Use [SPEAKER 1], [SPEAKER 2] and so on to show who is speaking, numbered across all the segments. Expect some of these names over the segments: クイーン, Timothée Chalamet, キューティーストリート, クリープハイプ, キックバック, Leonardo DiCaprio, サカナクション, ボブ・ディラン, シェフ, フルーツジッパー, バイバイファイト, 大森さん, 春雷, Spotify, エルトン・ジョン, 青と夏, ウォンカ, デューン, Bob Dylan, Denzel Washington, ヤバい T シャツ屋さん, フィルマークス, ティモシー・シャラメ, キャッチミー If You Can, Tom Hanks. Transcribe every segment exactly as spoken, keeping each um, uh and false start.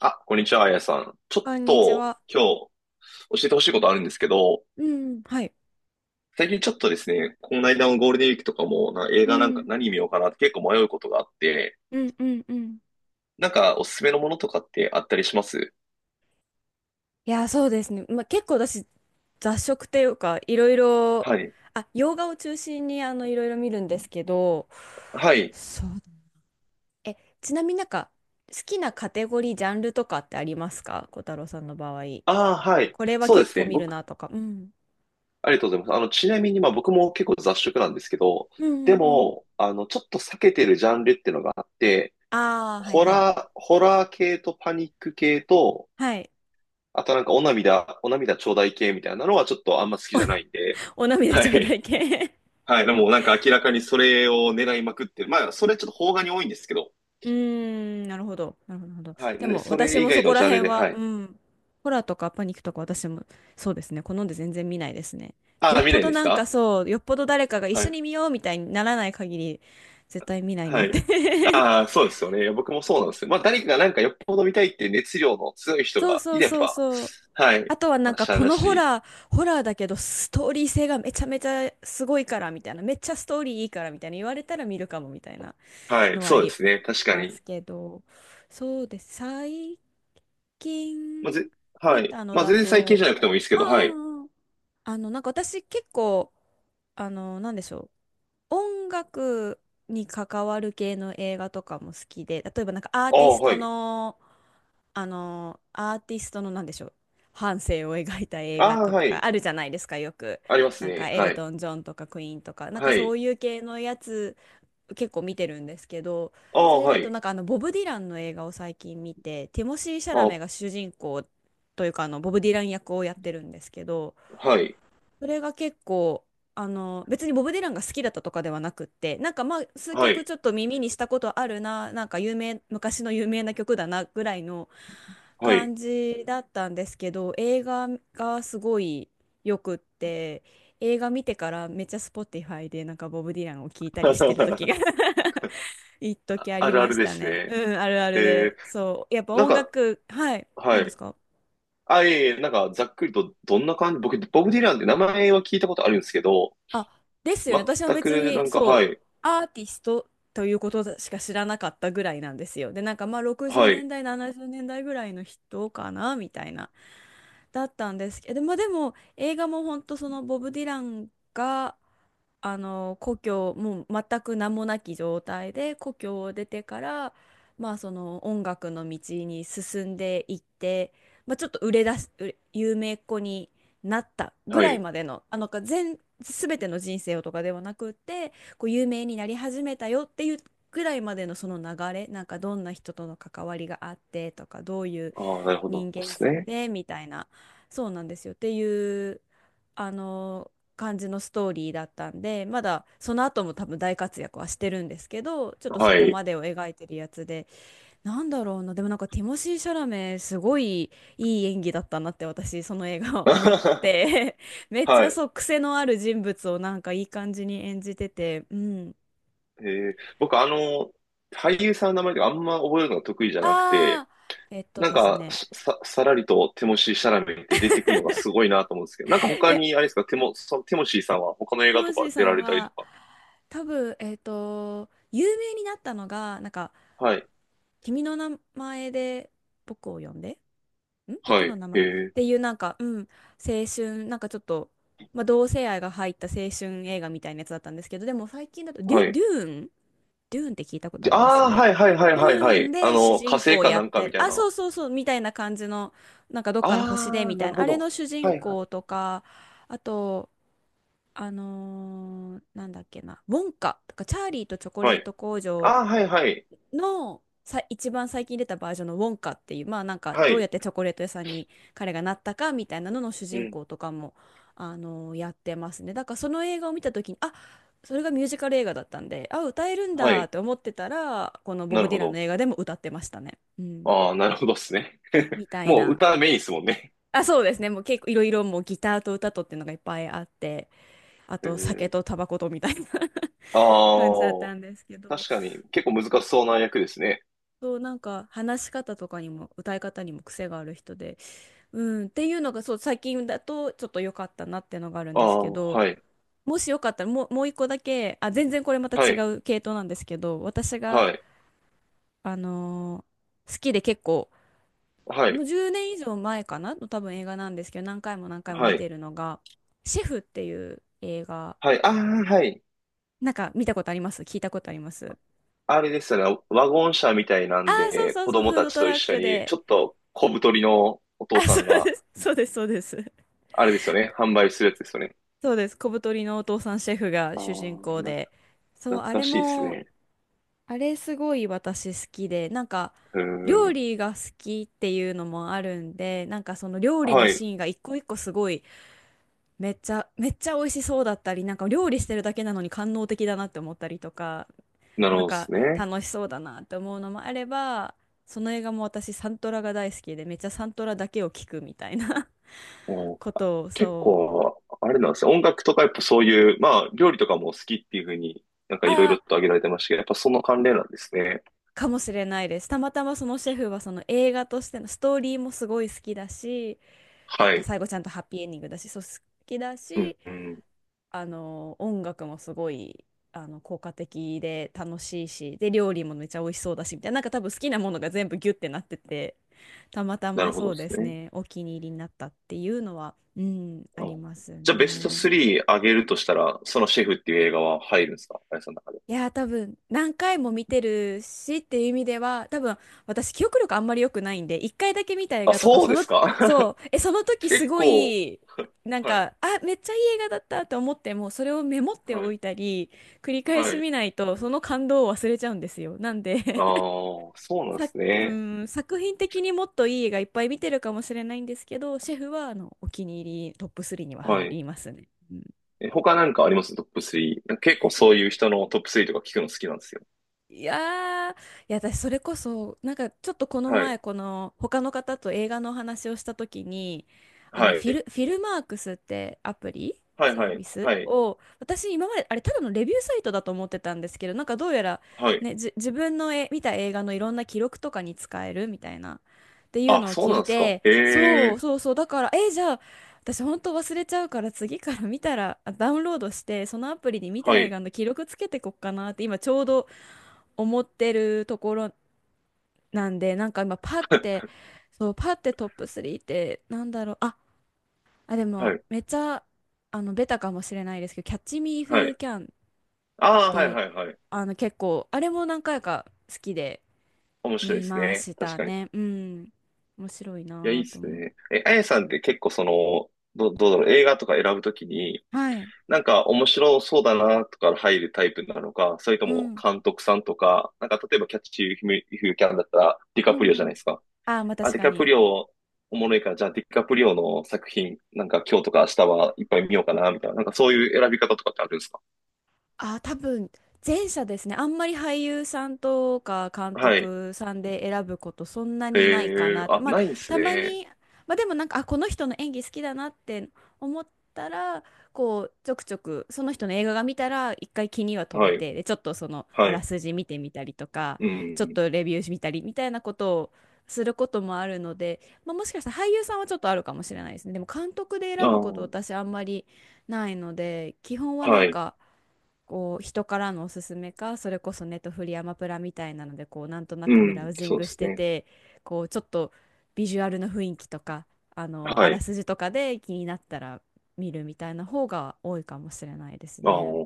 [SPEAKER 1] あ、こんにちは、あやさん。ちょっ
[SPEAKER 2] こんにち
[SPEAKER 1] と
[SPEAKER 2] は。
[SPEAKER 1] 今日教えてほしいことあるんですけど、
[SPEAKER 2] うん、はい。
[SPEAKER 1] 最近ちょっとですね、この間のゴールデンウィークとかもな映
[SPEAKER 2] う
[SPEAKER 1] 画なんか
[SPEAKER 2] ん、
[SPEAKER 1] 何見ようかなって結構迷うことがあって、
[SPEAKER 2] うん、うん、うん。
[SPEAKER 1] なんかおすすめのものとかってあったりします？
[SPEAKER 2] いや、そうですね。まあ、結構私、雑食っていうか、いろいろ、
[SPEAKER 1] はい。
[SPEAKER 2] あ、洋画を中心に、あの、いろいろ見るんですけど、
[SPEAKER 1] はい。
[SPEAKER 2] そう。え、ちなみになんか、好きなカテゴリー、ジャンルとかってありますか、小太郎さんの場合？
[SPEAKER 1] ああ、はい。
[SPEAKER 2] これは
[SPEAKER 1] そうで
[SPEAKER 2] 結
[SPEAKER 1] す
[SPEAKER 2] 構
[SPEAKER 1] ね。
[SPEAKER 2] 見る
[SPEAKER 1] 僕、
[SPEAKER 2] なとか。うん。
[SPEAKER 1] ありがとうございます。あの、ちなみにまあ僕も結構雑食なんですけど、
[SPEAKER 2] うん、
[SPEAKER 1] で
[SPEAKER 2] うん、うん。
[SPEAKER 1] も、あの、ちょっと避けてるジャンルっていうのがあって、
[SPEAKER 2] ああ、はい
[SPEAKER 1] ホ
[SPEAKER 2] はい。
[SPEAKER 1] ラー、ホラー系とパニック系と、
[SPEAKER 2] はい。
[SPEAKER 1] あと、なんかお涙、お涙ちょうだい系みたいなのはちょっとあんま好きじゃないんで。
[SPEAKER 2] お涙
[SPEAKER 1] は
[SPEAKER 2] 頂
[SPEAKER 1] い。
[SPEAKER 2] 戴系。
[SPEAKER 1] はい。でもなんか明らかにそれを狙いまくってる。まあ、それちょっと邦画に多いんですけど。
[SPEAKER 2] うーん、なるほど。なるほど。なるほど。
[SPEAKER 1] はい。
[SPEAKER 2] で
[SPEAKER 1] なんで、
[SPEAKER 2] も、
[SPEAKER 1] そ
[SPEAKER 2] 私
[SPEAKER 1] れ以
[SPEAKER 2] もそ
[SPEAKER 1] 外
[SPEAKER 2] こ
[SPEAKER 1] の
[SPEAKER 2] ら
[SPEAKER 1] ジャンル
[SPEAKER 2] 辺
[SPEAKER 1] で、
[SPEAKER 2] は、
[SPEAKER 1] はい。
[SPEAKER 2] うん。ホラーとかパニックとか私も、そうですね。好んで全然見ないですね。
[SPEAKER 1] あ
[SPEAKER 2] よ
[SPEAKER 1] あ、
[SPEAKER 2] っ
[SPEAKER 1] 見な
[SPEAKER 2] ぽ
[SPEAKER 1] いん
[SPEAKER 2] ど
[SPEAKER 1] です
[SPEAKER 2] なんか
[SPEAKER 1] か？
[SPEAKER 2] そう、よっぽど誰かが一
[SPEAKER 1] は
[SPEAKER 2] 緒
[SPEAKER 1] い。
[SPEAKER 2] に見ようみたいにならない限り、絶対見ないな
[SPEAKER 1] は
[SPEAKER 2] っ
[SPEAKER 1] い。
[SPEAKER 2] て。
[SPEAKER 1] ああ、そうですよね。いや僕もそうなんですよ。まあ、誰かがなんかよっぽど見たいっていう熱量の強い 人
[SPEAKER 2] そう
[SPEAKER 1] が
[SPEAKER 2] そ
[SPEAKER 1] い
[SPEAKER 2] う
[SPEAKER 1] れ
[SPEAKER 2] そう
[SPEAKER 1] ば、
[SPEAKER 2] そう。
[SPEAKER 1] はい。
[SPEAKER 2] あとはな
[SPEAKER 1] ま
[SPEAKER 2] ん
[SPEAKER 1] あ、
[SPEAKER 2] か
[SPEAKER 1] しゃあ
[SPEAKER 2] こ
[SPEAKER 1] な
[SPEAKER 2] のホ
[SPEAKER 1] し。
[SPEAKER 2] ラー、ホラーだけどストーリー性がめちゃめちゃすごいからみたいな、めっちゃストーリーいいからみたいな言われたら見るかもみたいな
[SPEAKER 1] はい。
[SPEAKER 2] のはあ
[SPEAKER 1] そうで
[SPEAKER 2] り
[SPEAKER 1] すね。確か
[SPEAKER 2] ま
[SPEAKER 1] に。
[SPEAKER 2] すけど。そうです。最
[SPEAKER 1] まあ、ぜ、
[SPEAKER 2] 近
[SPEAKER 1] は
[SPEAKER 2] 見
[SPEAKER 1] い。
[SPEAKER 2] たの
[SPEAKER 1] まあ、
[SPEAKER 2] だ
[SPEAKER 1] 全然最近じ
[SPEAKER 2] と、
[SPEAKER 1] ゃなくてもいいですけ
[SPEAKER 2] あ
[SPEAKER 1] ど、はい。
[SPEAKER 2] あ、あああの、なんか私結構、あの、なんでしょう、音楽に関わる系の映画とかも好きで、例えばなんかアー
[SPEAKER 1] あ
[SPEAKER 2] ティ
[SPEAKER 1] あ、
[SPEAKER 2] ス
[SPEAKER 1] は
[SPEAKER 2] ト
[SPEAKER 1] い。
[SPEAKER 2] の、あの、アーティストのなんでしょう、半生を描いた映画
[SPEAKER 1] ああ、
[SPEAKER 2] と
[SPEAKER 1] は
[SPEAKER 2] か
[SPEAKER 1] い。
[SPEAKER 2] あるじゃないですか、よく。
[SPEAKER 1] あります
[SPEAKER 2] なんか
[SPEAKER 1] ね。
[SPEAKER 2] エ
[SPEAKER 1] は
[SPEAKER 2] ル
[SPEAKER 1] い。
[SPEAKER 2] トン・ジョンとかクイーンとか、なんか
[SPEAKER 1] は
[SPEAKER 2] そ
[SPEAKER 1] い。
[SPEAKER 2] ういう系のやつ結構見てるんですけど、
[SPEAKER 1] あ
[SPEAKER 2] そ
[SPEAKER 1] あ、
[SPEAKER 2] れ
[SPEAKER 1] は
[SPEAKER 2] だと
[SPEAKER 1] い。
[SPEAKER 2] なんかあのボブ・ディランの映画を最近見て、ティモシー・シャラメ
[SPEAKER 1] あ、
[SPEAKER 2] が主人公というか、あのボブ・ディラン役をやってるんですけど、
[SPEAKER 1] はい。
[SPEAKER 2] それが結構、あの別にボブ・ディランが好きだったとかではなくって、なんかまあ数
[SPEAKER 1] は
[SPEAKER 2] 曲
[SPEAKER 1] い。
[SPEAKER 2] ちょっと耳にしたことあるな、なんか有名昔の有名な曲だなぐらいの
[SPEAKER 1] はい。
[SPEAKER 2] 感じだったんですけど、映画がすごいよくって、映画見てからめっちゃ Spotify でなんかボブ・ディランを聴いたりしてる時が 一時あ
[SPEAKER 1] あ
[SPEAKER 2] り
[SPEAKER 1] るあ
[SPEAKER 2] ま
[SPEAKER 1] る
[SPEAKER 2] し
[SPEAKER 1] で
[SPEAKER 2] た
[SPEAKER 1] す
[SPEAKER 2] ね。
[SPEAKER 1] ね。
[SPEAKER 2] うん、あるある
[SPEAKER 1] えー、
[SPEAKER 2] で。そう。やっぱ
[SPEAKER 1] なん
[SPEAKER 2] 音
[SPEAKER 1] か、
[SPEAKER 2] 楽、はい。
[SPEAKER 1] は
[SPEAKER 2] 何です
[SPEAKER 1] い。
[SPEAKER 2] か？
[SPEAKER 1] あ、いえいえ、なんか、ざっくりと、どんな感じ、僕、ボブ・ディランって名前は聞いたことあるんですけど、
[SPEAKER 2] あ、ですよね。私も
[SPEAKER 1] 全
[SPEAKER 2] 別
[SPEAKER 1] く、な
[SPEAKER 2] に、
[SPEAKER 1] んか、
[SPEAKER 2] そ
[SPEAKER 1] は
[SPEAKER 2] う、
[SPEAKER 1] い。
[SPEAKER 2] アーティストということしか知らなかったぐらいなんですよ。で、なんかまあ60
[SPEAKER 1] は
[SPEAKER 2] 年
[SPEAKER 1] い。
[SPEAKER 2] 代、ななじゅうねんだいぐらいの人かな、みたいな。だったんですけど、まあ、でも映画も本当、そのボブ・ディランがあの故郷、もう全く名もなき状態で故郷を出てから、まあ、その音楽の道に進んでいって、まあ、ちょっと売れ出す売れ有名っ子になったぐ
[SPEAKER 1] は
[SPEAKER 2] らい
[SPEAKER 1] い。
[SPEAKER 2] までの、あのか全、全ての人生をとかではなくって、こう有名になり始めたよっていうぐらいまでのその流れ、なんかどんな人との関わりがあってとか、どういう
[SPEAKER 1] ああ、なるほど
[SPEAKER 2] 人
[SPEAKER 1] で
[SPEAKER 2] 間
[SPEAKER 1] す
[SPEAKER 2] 性
[SPEAKER 1] ね。
[SPEAKER 2] でみたいな、そうなんですよっていう、あの感じのストーリーだったんで、まだその後も多分大活躍はしてるんですけど、ちょっとそ
[SPEAKER 1] は
[SPEAKER 2] こ
[SPEAKER 1] い。
[SPEAKER 2] までを描いてるやつで、なんだろうな、でもなんかティモシー・シャラメ、すごいいい演技だったなって私その映画は思っ て、 めっち
[SPEAKER 1] は
[SPEAKER 2] ゃ、
[SPEAKER 1] い。
[SPEAKER 2] そう、癖のある人物をなんかいい感じに演じてて、うん。
[SPEAKER 1] えー、僕、あの、俳優さんの名前とかあんま覚えるのが得意じゃなくて、
[SPEAKER 2] ああーえっと
[SPEAKER 1] なん
[SPEAKER 2] です
[SPEAKER 1] か、
[SPEAKER 2] ね
[SPEAKER 1] さ、さらりとテモシー・シャラメって出てくるのがすごいなと思うんですけど、なんか
[SPEAKER 2] い
[SPEAKER 1] 他
[SPEAKER 2] や、
[SPEAKER 1] に、あれですか、テモ、そテモシーさんは他の映
[SPEAKER 2] ティ
[SPEAKER 1] 画
[SPEAKER 2] モ
[SPEAKER 1] と
[SPEAKER 2] シー
[SPEAKER 1] か出
[SPEAKER 2] さ
[SPEAKER 1] ら
[SPEAKER 2] ん
[SPEAKER 1] れたりと
[SPEAKER 2] は
[SPEAKER 1] か。
[SPEAKER 2] 多分、えっと、有名になったのが、なんか、
[SPEAKER 1] はい。
[SPEAKER 2] 君の名前で僕を呼んで、ん僕
[SPEAKER 1] はい。
[SPEAKER 2] の名前
[SPEAKER 1] へ
[SPEAKER 2] っ
[SPEAKER 1] え。
[SPEAKER 2] ていう、なんか、うん、青春、なんかちょっと、まあ、同性愛が入った青春映画みたいなやつだったんですけど、でも最近だと、デュ、
[SPEAKER 1] は
[SPEAKER 2] デ
[SPEAKER 1] い。
[SPEAKER 2] ューン。デューンって聞いたことあ
[SPEAKER 1] であ
[SPEAKER 2] りま
[SPEAKER 1] あ、
[SPEAKER 2] す
[SPEAKER 1] はいはいはい
[SPEAKER 2] デュー
[SPEAKER 1] はいは
[SPEAKER 2] ン
[SPEAKER 1] い。あ
[SPEAKER 2] で主
[SPEAKER 1] の、火
[SPEAKER 2] 人
[SPEAKER 1] 星
[SPEAKER 2] 公
[SPEAKER 1] か
[SPEAKER 2] や
[SPEAKER 1] な
[SPEAKER 2] っ
[SPEAKER 1] んか
[SPEAKER 2] て
[SPEAKER 1] み
[SPEAKER 2] る、
[SPEAKER 1] たい
[SPEAKER 2] あ、
[SPEAKER 1] な。
[SPEAKER 2] そうそうそう、みたいな感じの、なんかどっかの星で
[SPEAKER 1] ああ、
[SPEAKER 2] み
[SPEAKER 1] な
[SPEAKER 2] たい
[SPEAKER 1] る
[SPEAKER 2] な、
[SPEAKER 1] ほ
[SPEAKER 2] あれ
[SPEAKER 1] ど。
[SPEAKER 2] の主人
[SPEAKER 1] はいはい。
[SPEAKER 2] 公とか、あと、あのーなんだっけな、ウォンカとか、チャーリーとチョコレ
[SPEAKER 1] は
[SPEAKER 2] ー
[SPEAKER 1] い。
[SPEAKER 2] ト工場
[SPEAKER 1] ああ、はいはい。
[SPEAKER 2] のさ、一番最近出たバージョンのウォンカっていう、まあなんか
[SPEAKER 1] は
[SPEAKER 2] どうや
[SPEAKER 1] い。
[SPEAKER 2] ってチョコレート屋さんに彼がなったかみたいなのの主
[SPEAKER 1] う
[SPEAKER 2] 人
[SPEAKER 1] ん。
[SPEAKER 2] 公とかも、あのーやってますね。だからその映画を見た時に、あ、それがミュージカル映画だったんで、あ、歌えるん
[SPEAKER 1] は
[SPEAKER 2] だっ
[SPEAKER 1] い。
[SPEAKER 2] て思ってたら、このボ
[SPEAKER 1] な
[SPEAKER 2] ブ・
[SPEAKER 1] る
[SPEAKER 2] ディ
[SPEAKER 1] ほ
[SPEAKER 2] ランの
[SPEAKER 1] ど。
[SPEAKER 2] 映画でも歌ってましたね。うん、
[SPEAKER 1] ああ、なるほどっすね。
[SPEAKER 2] みたい
[SPEAKER 1] もう
[SPEAKER 2] な。
[SPEAKER 1] 歌メインですもんね。
[SPEAKER 2] あ、そうですね。もう結構いろいろ、もうギターと歌とっていうのがいっぱいあって、あ
[SPEAKER 1] え
[SPEAKER 2] と酒
[SPEAKER 1] ー、
[SPEAKER 2] とタバコとみたいな。
[SPEAKER 1] あ
[SPEAKER 2] 感じだった
[SPEAKER 1] あ、
[SPEAKER 2] んですけど、
[SPEAKER 1] 確かに結構難しそうな役ですね。
[SPEAKER 2] そう、なんか話し方とかにも歌い方にも癖がある人で、うん、っていうのがそう、最近だとちょっと良かったなっていうのがあるん
[SPEAKER 1] あ
[SPEAKER 2] ですけ
[SPEAKER 1] あ、
[SPEAKER 2] ど、
[SPEAKER 1] はい。
[SPEAKER 2] もしよかったら、もう、もう一個だけ、あ、全然これまた
[SPEAKER 1] は
[SPEAKER 2] 違
[SPEAKER 1] い。
[SPEAKER 2] う系統なんですけど、私が、
[SPEAKER 1] はい。
[SPEAKER 2] あのー好きで結構、
[SPEAKER 1] は
[SPEAKER 2] も
[SPEAKER 1] い。
[SPEAKER 2] うじゅうねん以上前かなの多分映画なんですけど、何回も何回も
[SPEAKER 1] は
[SPEAKER 2] 見
[SPEAKER 1] い。
[SPEAKER 2] てるのが、シェフっていう映画、
[SPEAKER 1] はい。ああ、はい。
[SPEAKER 2] なんか見たことあります聞いたことあります
[SPEAKER 1] あれですよね。ワゴン車みたいな
[SPEAKER 2] ああ
[SPEAKER 1] ん
[SPEAKER 2] ー、そう
[SPEAKER 1] で、
[SPEAKER 2] そう
[SPEAKER 1] 子
[SPEAKER 2] そう、
[SPEAKER 1] 供
[SPEAKER 2] フー
[SPEAKER 1] た
[SPEAKER 2] ド
[SPEAKER 1] ち
[SPEAKER 2] ト
[SPEAKER 1] と
[SPEAKER 2] ラ
[SPEAKER 1] 一
[SPEAKER 2] ッ
[SPEAKER 1] 緒
[SPEAKER 2] ク
[SPEAKER 1] に、
[SPEAKER 2] で。
[SPEAKER 1] ちょっと小太りのお父
[SPEAKER 2] あ、
[SPEAKER 1] さ
[SPEAKER 2] そ
[SPEAKER 1] ん
[SPEAKER 2] う
[SPEAKER 1] が、
[SPEAKER 2] です、そうです、そうです。
[SPEAKER 1] あれですよね。販売するやつですよね。
[SPEAKER 2] そうです。小太りのお父さんシェフが
[SPEAKER 1] あ
[SPEAKER 2] 主人
[SPEAKER 1] あ、
[SPEAKER 2] 公
[SPEAKER 1] な、
[SPEAKER 2] で。そう、
[SPEAKER 1] 懐
[SPEAKER 2] あ
[SPEAKER 1] か
[SPEAKER 2] れ
[SPEAKER 1] しいです
[SPEAKER 2] も、
[SPEAKER 1] ね。
[SPEAKER 2] あれすごい私好きで、なんか
[SPEAKER 1] うー
[SPEAKER 2] 料
[SPEAKER 1] ん。
[SPEAKER 2] 理が好きっていうのもあるんで、なんかその料理の
[SPEAKER 1] はい。
[SPEAKER 2] シーンが一個一個すごい、めっちゃ、めっちゃ美味しそうだったり、なんか料理してるだけなのに官能的だなって思ったりとか、
[SPEAKER 1] なるほ
[SPEAKER 2] なん
[SPEAKER 1] どです
[SPEAKER 2] か
[SPEAKER 1] ね。
[SPEAKER 2] 楽しそうだなって思うのもあれば、その映画も私サントラが大好きで、めっちゃサントラだけを聞くみたいな
[SPEAKER 1] お、
[SPEAKER 2] ことを、
[SPEAKER 1] 結
[SPEAKER 2] そう。
[SPEAKER 1] 構、あれなんですね。音楽とかやっぱそういう、まあ、料理とかも好きっていうふうになんかいろい
[SPEAKER 2] あ
[SPEAKER 1] ろと
[SPEAKER 2] ー、
[SPEAKER 1] 挙げられてましたけど、やっぱその関連なんですね。
[SPEAKER 2] かもしれないです。たまたまそのシェフはその映画としてのストーリーもすごい好きだし、なん
[SPEAKER 1] は
[SPEAKER 2] か
[SPEAKER 1] い。
[SPEAKER 2] 最後ちゃんとハッピーエンディングだし、そう好きだ
[SPEAKER 1] うん、
[SPEAKER 2] し、
[SPEAKER 1] うん。
[SPEAKER 2] あの音楽もすごい、あの効果的で楽しいし、で料理もめっちゃ美味しそうだしみたいな、なんか多分好きなものが全部ギュってなってて、たまた
[SPEAKER 1] な
[SPEAKER 2] ま
[SPEAKER 1] るほど
[SPEAKER 2] そう
[SPEAKER 1] で
[SPEAKER 2] で
[SPEAKER 1] す
[SPEAKER 2] す
[SPEAKER 1] ね。
[SPEAKER 2] ね、お気に入りになったっていうのは、うん、あ
[SPEAKER 1] う
[SPEAKER 2] り
[SPEAKER 1] ん、
[SPEAKER 2] ます
[SPEAKER 1] じゃあベスト
[SPEAKER 2] ね。
[SPEAKER 1] さん上げるとしたら、そのシェフっていう映画は入るんですか、あやさんの中で。
[SPEAKER 2] いやー、多分何回も見てるしっていう意味では、多分私記憶力あんまり良くないんで、一回だけ見た映
[SPEAKER 1] あ、
[SPEAKER 2] 画とか、
[SPEAKER 1] そう
[SPEAKER 2] そ
[SPEAKER 1] で
[SPEAKER 2] の
[SPEAKER 1] すか？
[SPEAKER 2] そうえその 時す
[SPEAKER 1] 結
[SPEAKER 2] ご
[SPEAKER 1] 構、
[SPEAKER 2] い、なん
[SPEAKER 1] はい、
[SPEAKER 2] かあめっちゃいい映画だったと思っても、それをメモって
[SPEAKER 1] は
[SPEAKER 2] お
[SPEAKER 1] い、
[SPEAKER 2] いたり繰り返
[SPEAKER 1] は
[SPEAKER 2] し
[SPEAKER 1] い。
[SPEAKER 2] 見ないとその感動を忘れちゃうんですよ、なんで、
[SPEAKER 1] ああ、そう なんで
[SPEAKER 2] さ、
[SPEAKER 1] す
[SPEAKER 2] う
[SPEAKER 1] ね。
[SPEAKER 2] ん、作品的にもっといい映画いっぱい見てるかもしれないんですけど、シェフはあのお気に入りトップスリーには
[SPEAKER 1] は
[SPEAKER 2] 入
[SPEAKER 1] い。
[SPEAKER 2] りますね。
[SPEAKER 1] え、他なんかありますトップさん？結構そういう人のトップさんとか聞くの好きなんですよ。
[SPEAKER 2] いやー、いや、私それこそなんかちょっとこの
[SPEAKER 1] はい、
[SPEAKER 2] 前、この他の方と映画のお話をした時に、あの
[SPEAKER 1] は
[SPEAKER 2] フィ
[SPEAKER 1] い、
[SPEAKER 2] ル、フィルマークスってアプリ
[SPEAKER 1] はい、
[SPEAKER 2] サー
[SPEAKER 1] は
[SPEAKER 2] ビ
[SPEAKER 1] い、
[SPEAKER 2] ス
[SPEAKER 1] はい、
[SPEAKER 2] を、私今まであれただのレビューサイトだと思ってたんですけど、なんかどうやら、
[SPEAKER 1] はい。
[SPEAKER 2] ね、じ自分の、え見た映画のいろんな記録とかに使えるみたいなっていう
[SPEAKER 1] あ、
[SPEAKER 2] のを
[SPEAKER 1] そう
[SPEAKER 2] 聞
[SPEAKER 1] な
[SPEAKER 2] い
[SPEAKER 1] んですか？
[SPEAKER 2] て、そう
[SPEAKER 1] ええ、
[SPEAKER 2] そうそう、だからえ、じゃあ私本当忘れちゃうから、次から見たら、あ、ダウンロードしてそのアプリに見た
[SPEAKER 1] は
[SPEAKER 2] 映
[SPEAKER 1] い、
[SPEAKER 2] 画の記録つけてこっかなって今ちょうど思ってるところなんで、なんか今パッ て、そう、パッてトップスリーってなんだろう。あ、あ、で
[SPEAKER 1] は
[SPEAKER 2] も
[SPEAKER 1] い、
[SPEAKER 2] めっちゃ、あの、ベタかもしれないですけど、キャッチミー If
[SPEAKER 1] は
[SPEAKER 2] You
[SPEAKER 1] い。
[SPEAKER 2] Can っ
[SPEAKER 1] ああ、はい、
[SPEAKER 2] て、
[SPEAKER 1] はい、はい。
[SPEAKER 2] あの、結構、あれも何回か好きで
[SPEAKER 1] 面白いで
[SPEAKER 2] 見
[SPEAKER 1] す
[SPEAKER 2] ま
[SPEAKER 1] ね。
[SPEAKER 2] し
[SPEAKER 1] 確
[SPEAKER 2] た
[SPEAKER 1] かに。
[SPEAKER 2] ね。うん。面白い
[SPEAKER 1] いや、いい
[SPEAKER 2] な
[SPEAKER 1] っ
[SPEAKER 2] ぁと
[SPEAKER 1] す
[SPEAKER 2] 思っ
[SPEAKER 1] ね。
[SPEAKER 2] て。
[SPEAKER 1] え、あやさんって結構その、ど、どうだろう、映画とか選ぶときに、
[SPEAKER 2] はい。
[SPEAKER 1] なんか面白そうだなとか入るタイプなのか、それと
[SPEAKER 2] う
[SPEAKER 1] も
[SPEAKER 2] ん。
[SPEAKER 1] 監督さんとか、なんか例えばキャッチフィフキャンだったらディ
[SPEAKER 2] う
[SPEAKER 1] カプリオじゃ
[SPEAKER 2] んう
[SPEAKER 1] ない
[SPEAKER 2] ん。
[SPEAKER 1] ですか。
[SPEAKER 2] ああ、まあ
[SPEAKER 1] あ、
[SPEAKER 2] 確
[SPEAKER 1] ディ
[SPEAKER 2] か
[SPEAKER 1] カプ
[SPEAKER 2] に。
[SPEAKER 1] リオおもろいから、じゃあディカプリオの作品、なんか今日とか明日はいっぱい見ようかな、みたいな。なんかそういう選び方とかってあるんですか？
[SPEAKER 2] あ、多分前者ですね。あんまり俳優さんとか監
[SPEAKER 1] はい。
[SPEAKER 2] 督さんで選ぶことそんなにないか
[SPEAKER 1] え
[SPEAKER 2] なっ
[SPEAKER 1] ー、
[SPEAKER 2] て。
[SPEAKER 1] あ、
[SPEAKER 2] まあ、
[SPEAKER 1] ないんです
[SPEAKER 2] たま
[SPEAKER 1] ね。
[SPEAKER 2] に、まあでもなんか、あ、この人の演技好きだなって思ったら、こう、ちょくちょく、その人の映画が見たら、一回気には留め
[SPEAKER 1] はい。
[SPEAKER 2] て、で、ちょっとその、あ
[SPEAKER 1] は
[SPEAKER 2] ら
[SPEAKER 1] い。
[SPEAKER 2] すじ見てみたりとか、
[SPEAKER 1] う
[SPEAKER 2] ちょっ
[SPEAKER 1] ん。
[SPEAKER 2] とレビュー見たりみたいなことをすることもあるので、まあ、もしかしたら俳優さんはちょっとあるかもしれないですね。でも監督で
[SPEAKER 1] あ
[SPEAKER 2] 選ぶこと
[SPEAKER 1] ー、
[SPEAKER 2] 私あんまりないので、基本はな
[SPEAKER 1] は
[SPEAKER 2] ん
[SPEAKER 1] い。
[SPEAKER 2] か、こう人からのおすすめか、それこそネットフリアマプラみたいなのでこうなんとな
[SPEAKER 1] う
[SPEAKER 2] くブラウ
[SPEAKER 1] ん。
[SPEAKER 2] ジン
[SPEAKER 1] そう
[SPEAKER 2] グ
[SPEAKER 1] で
[SPEAKER 2] し
[SPEAKER 1] す
[SPEAKER 2] て
[SPEAKER 1] ね。
[SPEAKER 2] て、こうちょっとビジュアルの雰囲気とか、あのあ
[SPEAKER 1] は
[SPEAKER 2] ら
[SPEAKER 1] い。
[SPEAKER 2] すじとかで気になったら見るみたいな方が多いかもしれないです
[SPEAKER 1] ああ。
[SPEAKER 2] ね。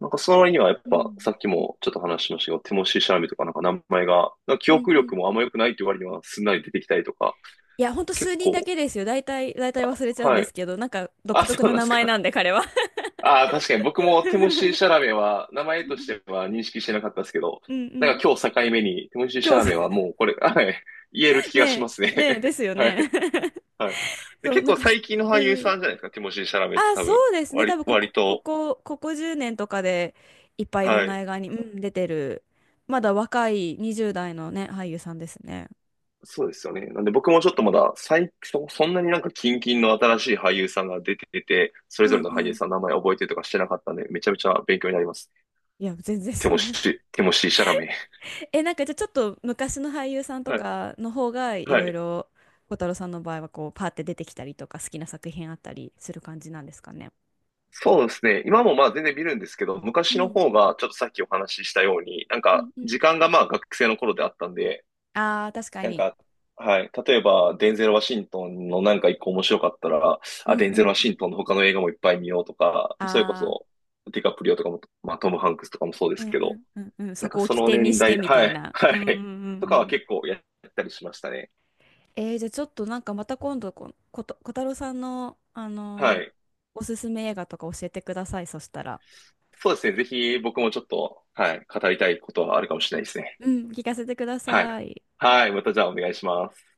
[SPEAKER 1] なんかその割にはやっ
[SPEAKER 2] う
[SPEAKER 1] ぱ
[SPEAKER 2] ん
[SPEAKER 1] さっきもちょっと話しましたけど、ティモシー・シャラメとかなんか名前が、なんか記
[SPEAKER 2] うん
[SPEAKER 1] 憶
[SPEAKER 2] うん。
[SPEAKER 1] 力もあんま良くないっていう割にはすんなり出てきたりとか、
[SPEAKER 2] いやほんと
[SPEAKER 1] 結
[SPEAKER 2] 数人だ
[SPEAKER 1] 構、
[SPEAKER 2] けですよ、大体大体忘れちゃうん
[SPEAKER 1] は
[SPEAKER 2] です
[SPEAKER 1] い。
[SPEAKER 2] けど、なんか独
[SPEAKER 1] あ、そ
[SPEAKER 2] 特
[SPEAKER 1] う
[SPEAKER 2] な
[SPEAKER 1] なんで
[SPEAKER 2] 名
[SPEAKER 1] す
[SPEAKER 2] 前
[SPEAKER 1] か。
[SPEAKER 2] なんで彼は。
[SPEAKER 1] ああ、確かに僕もティモシー・ シャラメは名前
[SPEAKER 2] う
[SPEAKER 1] とし
[SPEAKER 2] ん
[SPEAKER 1] ては認識してなかったですけど、
[SPEAKER 2] う
[SPEAKER 1] なんか
[SPEAKER 2] ん、
[SPEAKER 1] 今日境目にティモシー・
[SPEAKER 2] 今
[SPEAKER 1] シャラ
[SPEAKER 2] 日、
[SPEAKER 1] メはもうこれ、はい、言える気
[SPEAKER 2] ね
[SPEAKER 1] がしま
[SPEAKER 2] え
[SPEAKER 1] すね。
[SPEAKER 2] ねえですよ
[SPEAKER 1] は
[SPEAKER 2] ね。
[SPEAKER 1] い、はい。で、
[SPEAKER 2] そう
[SPEAKER 1] 結
[SPEAKER 2] なん
[SPEAKER 1] 構
[SPEAKER 2] か、
[SPEAKER 1] 最近の俳
[SPEAKER 2] う
[SPEAKER 1] 優
[SPEAKER 2] ん。
[SPEAKER 1] さんじゃないですか、ティモシー・シャラメって
[SPEAKER 2] あ、
[SPEAKER 1] 多
[SPEAKER 2] そ
[SPEAKER 1] 分、
[SPEAKER 2] うですね。多
[SPEAKER 1] 割、
[SPEAKER 2] 分こ
[SPEAKER 1] 割
[SPEAKER 2] こ、こ
[SPEAKER 1] と、
[SPEAKER 2] こ、ここじゅうねんとかでいっぱいいろん
[SPEAKER 1] は
[SPEAKER 2] な
[SPEAKER 1] い。
[SPEAKER 2] 映画に、うん、出てる、まだ若いにじゅう代のね、俳優さんですね。
[SPEAKER 1] そうですよね。なんで僕もちょっとまだ、最、そ、そんなになんか近々の新しい俳優さんが出てて、それ
[SPEAKER 2] う
[SPEAKER 1] ぞ
[SPEAKER 2] ん
[SPEAKER 1] れの
[SPEAKER 2] う
[SPEAKER 1] 俳優
[SPEAKER 2] ん。
[SPEAKER 1] さんの名前覚えてとかしてなかったんで、めちゃめちゃ勉強になります。
[SPEAKER 2] いや、全然
[SPEAKER 1] ティ
[SPEAKER 2] そ
[SPEAKER 1] モ
[SPEAKER 2] んな。
[SPEAKER 1] シー、ティモシー・シャラメ。
[SPEAKER 2] え、なんかじゃあちょっと昔の俳優さんと
[SPEAKER 1] はい。
[SPEAKER 2] かの方がい
[SPEAKER 1] は
[SPEAKER 2] ろい
[SPEAKER 1] い。
[SPEAKER 2] ろ、小太郎さんの場合はこう、パーって出てきたりとか、好きな作品あったりする感じなんですかね？
[SPEAKER 1] そうですね。今もまあ全然見るんですけど、
[SPEAKER 2] う
[SPEAKER 1] 昔の
[SPEAKER 2] ん
[SPEAKER 1] 方がちょっとさっきお話ししたように、なん
[SPEAKER 2] う
[SPEAKER 1] か
[SPEAKER 2] んうん。
[SPEAKER 1] 時間がまあ学生の頃であったんで、
[SPEAKER 2] ああ、確か
[SPEAKER 1] なん
[SPEAKER 2] に。
[SPEAKER 1] か、はい。例えば、デンゼル・ワシントンのなんか一個面白かったら、
[SPEAKER 2] う
[SPEAKER 1] あ、
[SPEAKER 2] ん
[SPEAKER 1] デンゼ
[SPEAKER 2] う
[SPEAKER 1] ル・ワ
[SPEAKER 2] ん。
[SPEAKER 1] シントンの他の映画もいっぱい見ようとか、それこ
[SPEAKER 2] ああ、
[SPEAKER 1] そ、ディカプリオとかも、まあ、トム・ハンクスとかもそうで
[SPEAKER 2] う
[SPEAKER 1] す
[SPEAKER 2] ん
[SPEAKER 1] け
[SPEAKER 2] う
[SPEAKER 1] ど、
[SPEAKER 2] んうんうん。
[SPEAKER 1] なん
[SPEAKER 2] そ
[SPEAKER 1] か
[SPEAKER 2] こを
[SPEAKER 1] そ
[SPEAKER 2] 起
[SPEAKER 1] の
[SPEAKER 2] 点に
[SPEAKER 1] 年
[SPEAKER 2] して
[SPEAKER 1] 代、
[SPEAKER 2] みた
[SPEAKER 1] は
[SPEAKER 2] い
[SPEAKER 1] い、
[SPEAKER 2] な。う
[SPEAKER 1] は
[SPEAKER 2] んうんうん
[SPEAKER 1] い。
[SPEAKER 2] う
[SPEAKER 1] とかは
[SPEAKER 2] ん。
[SPEAKER 1] 結構やったりしましたね。
[SPEAKER 2] えー、じゃあちょっとなんかまた今度、こ、こと、小太郎さんの、あ
[SPEAKER 1] は
[SPEAKER 2] のー
[SPEAKER 1] い。
[SPEAKER 2] おすすめ映画とか教えてください。そしたら。
[SPEAKER 1] そうですね。ぜひ僕もちょっと、はい、語りたいことはあるかもしれないですね。
[SPEAKER 2] うん、聞かせてくだ
[SPEAKER 1] はい。
[SPEAKER 2] さい。
[SPEAKER 1] はい。またじゃあお願いします。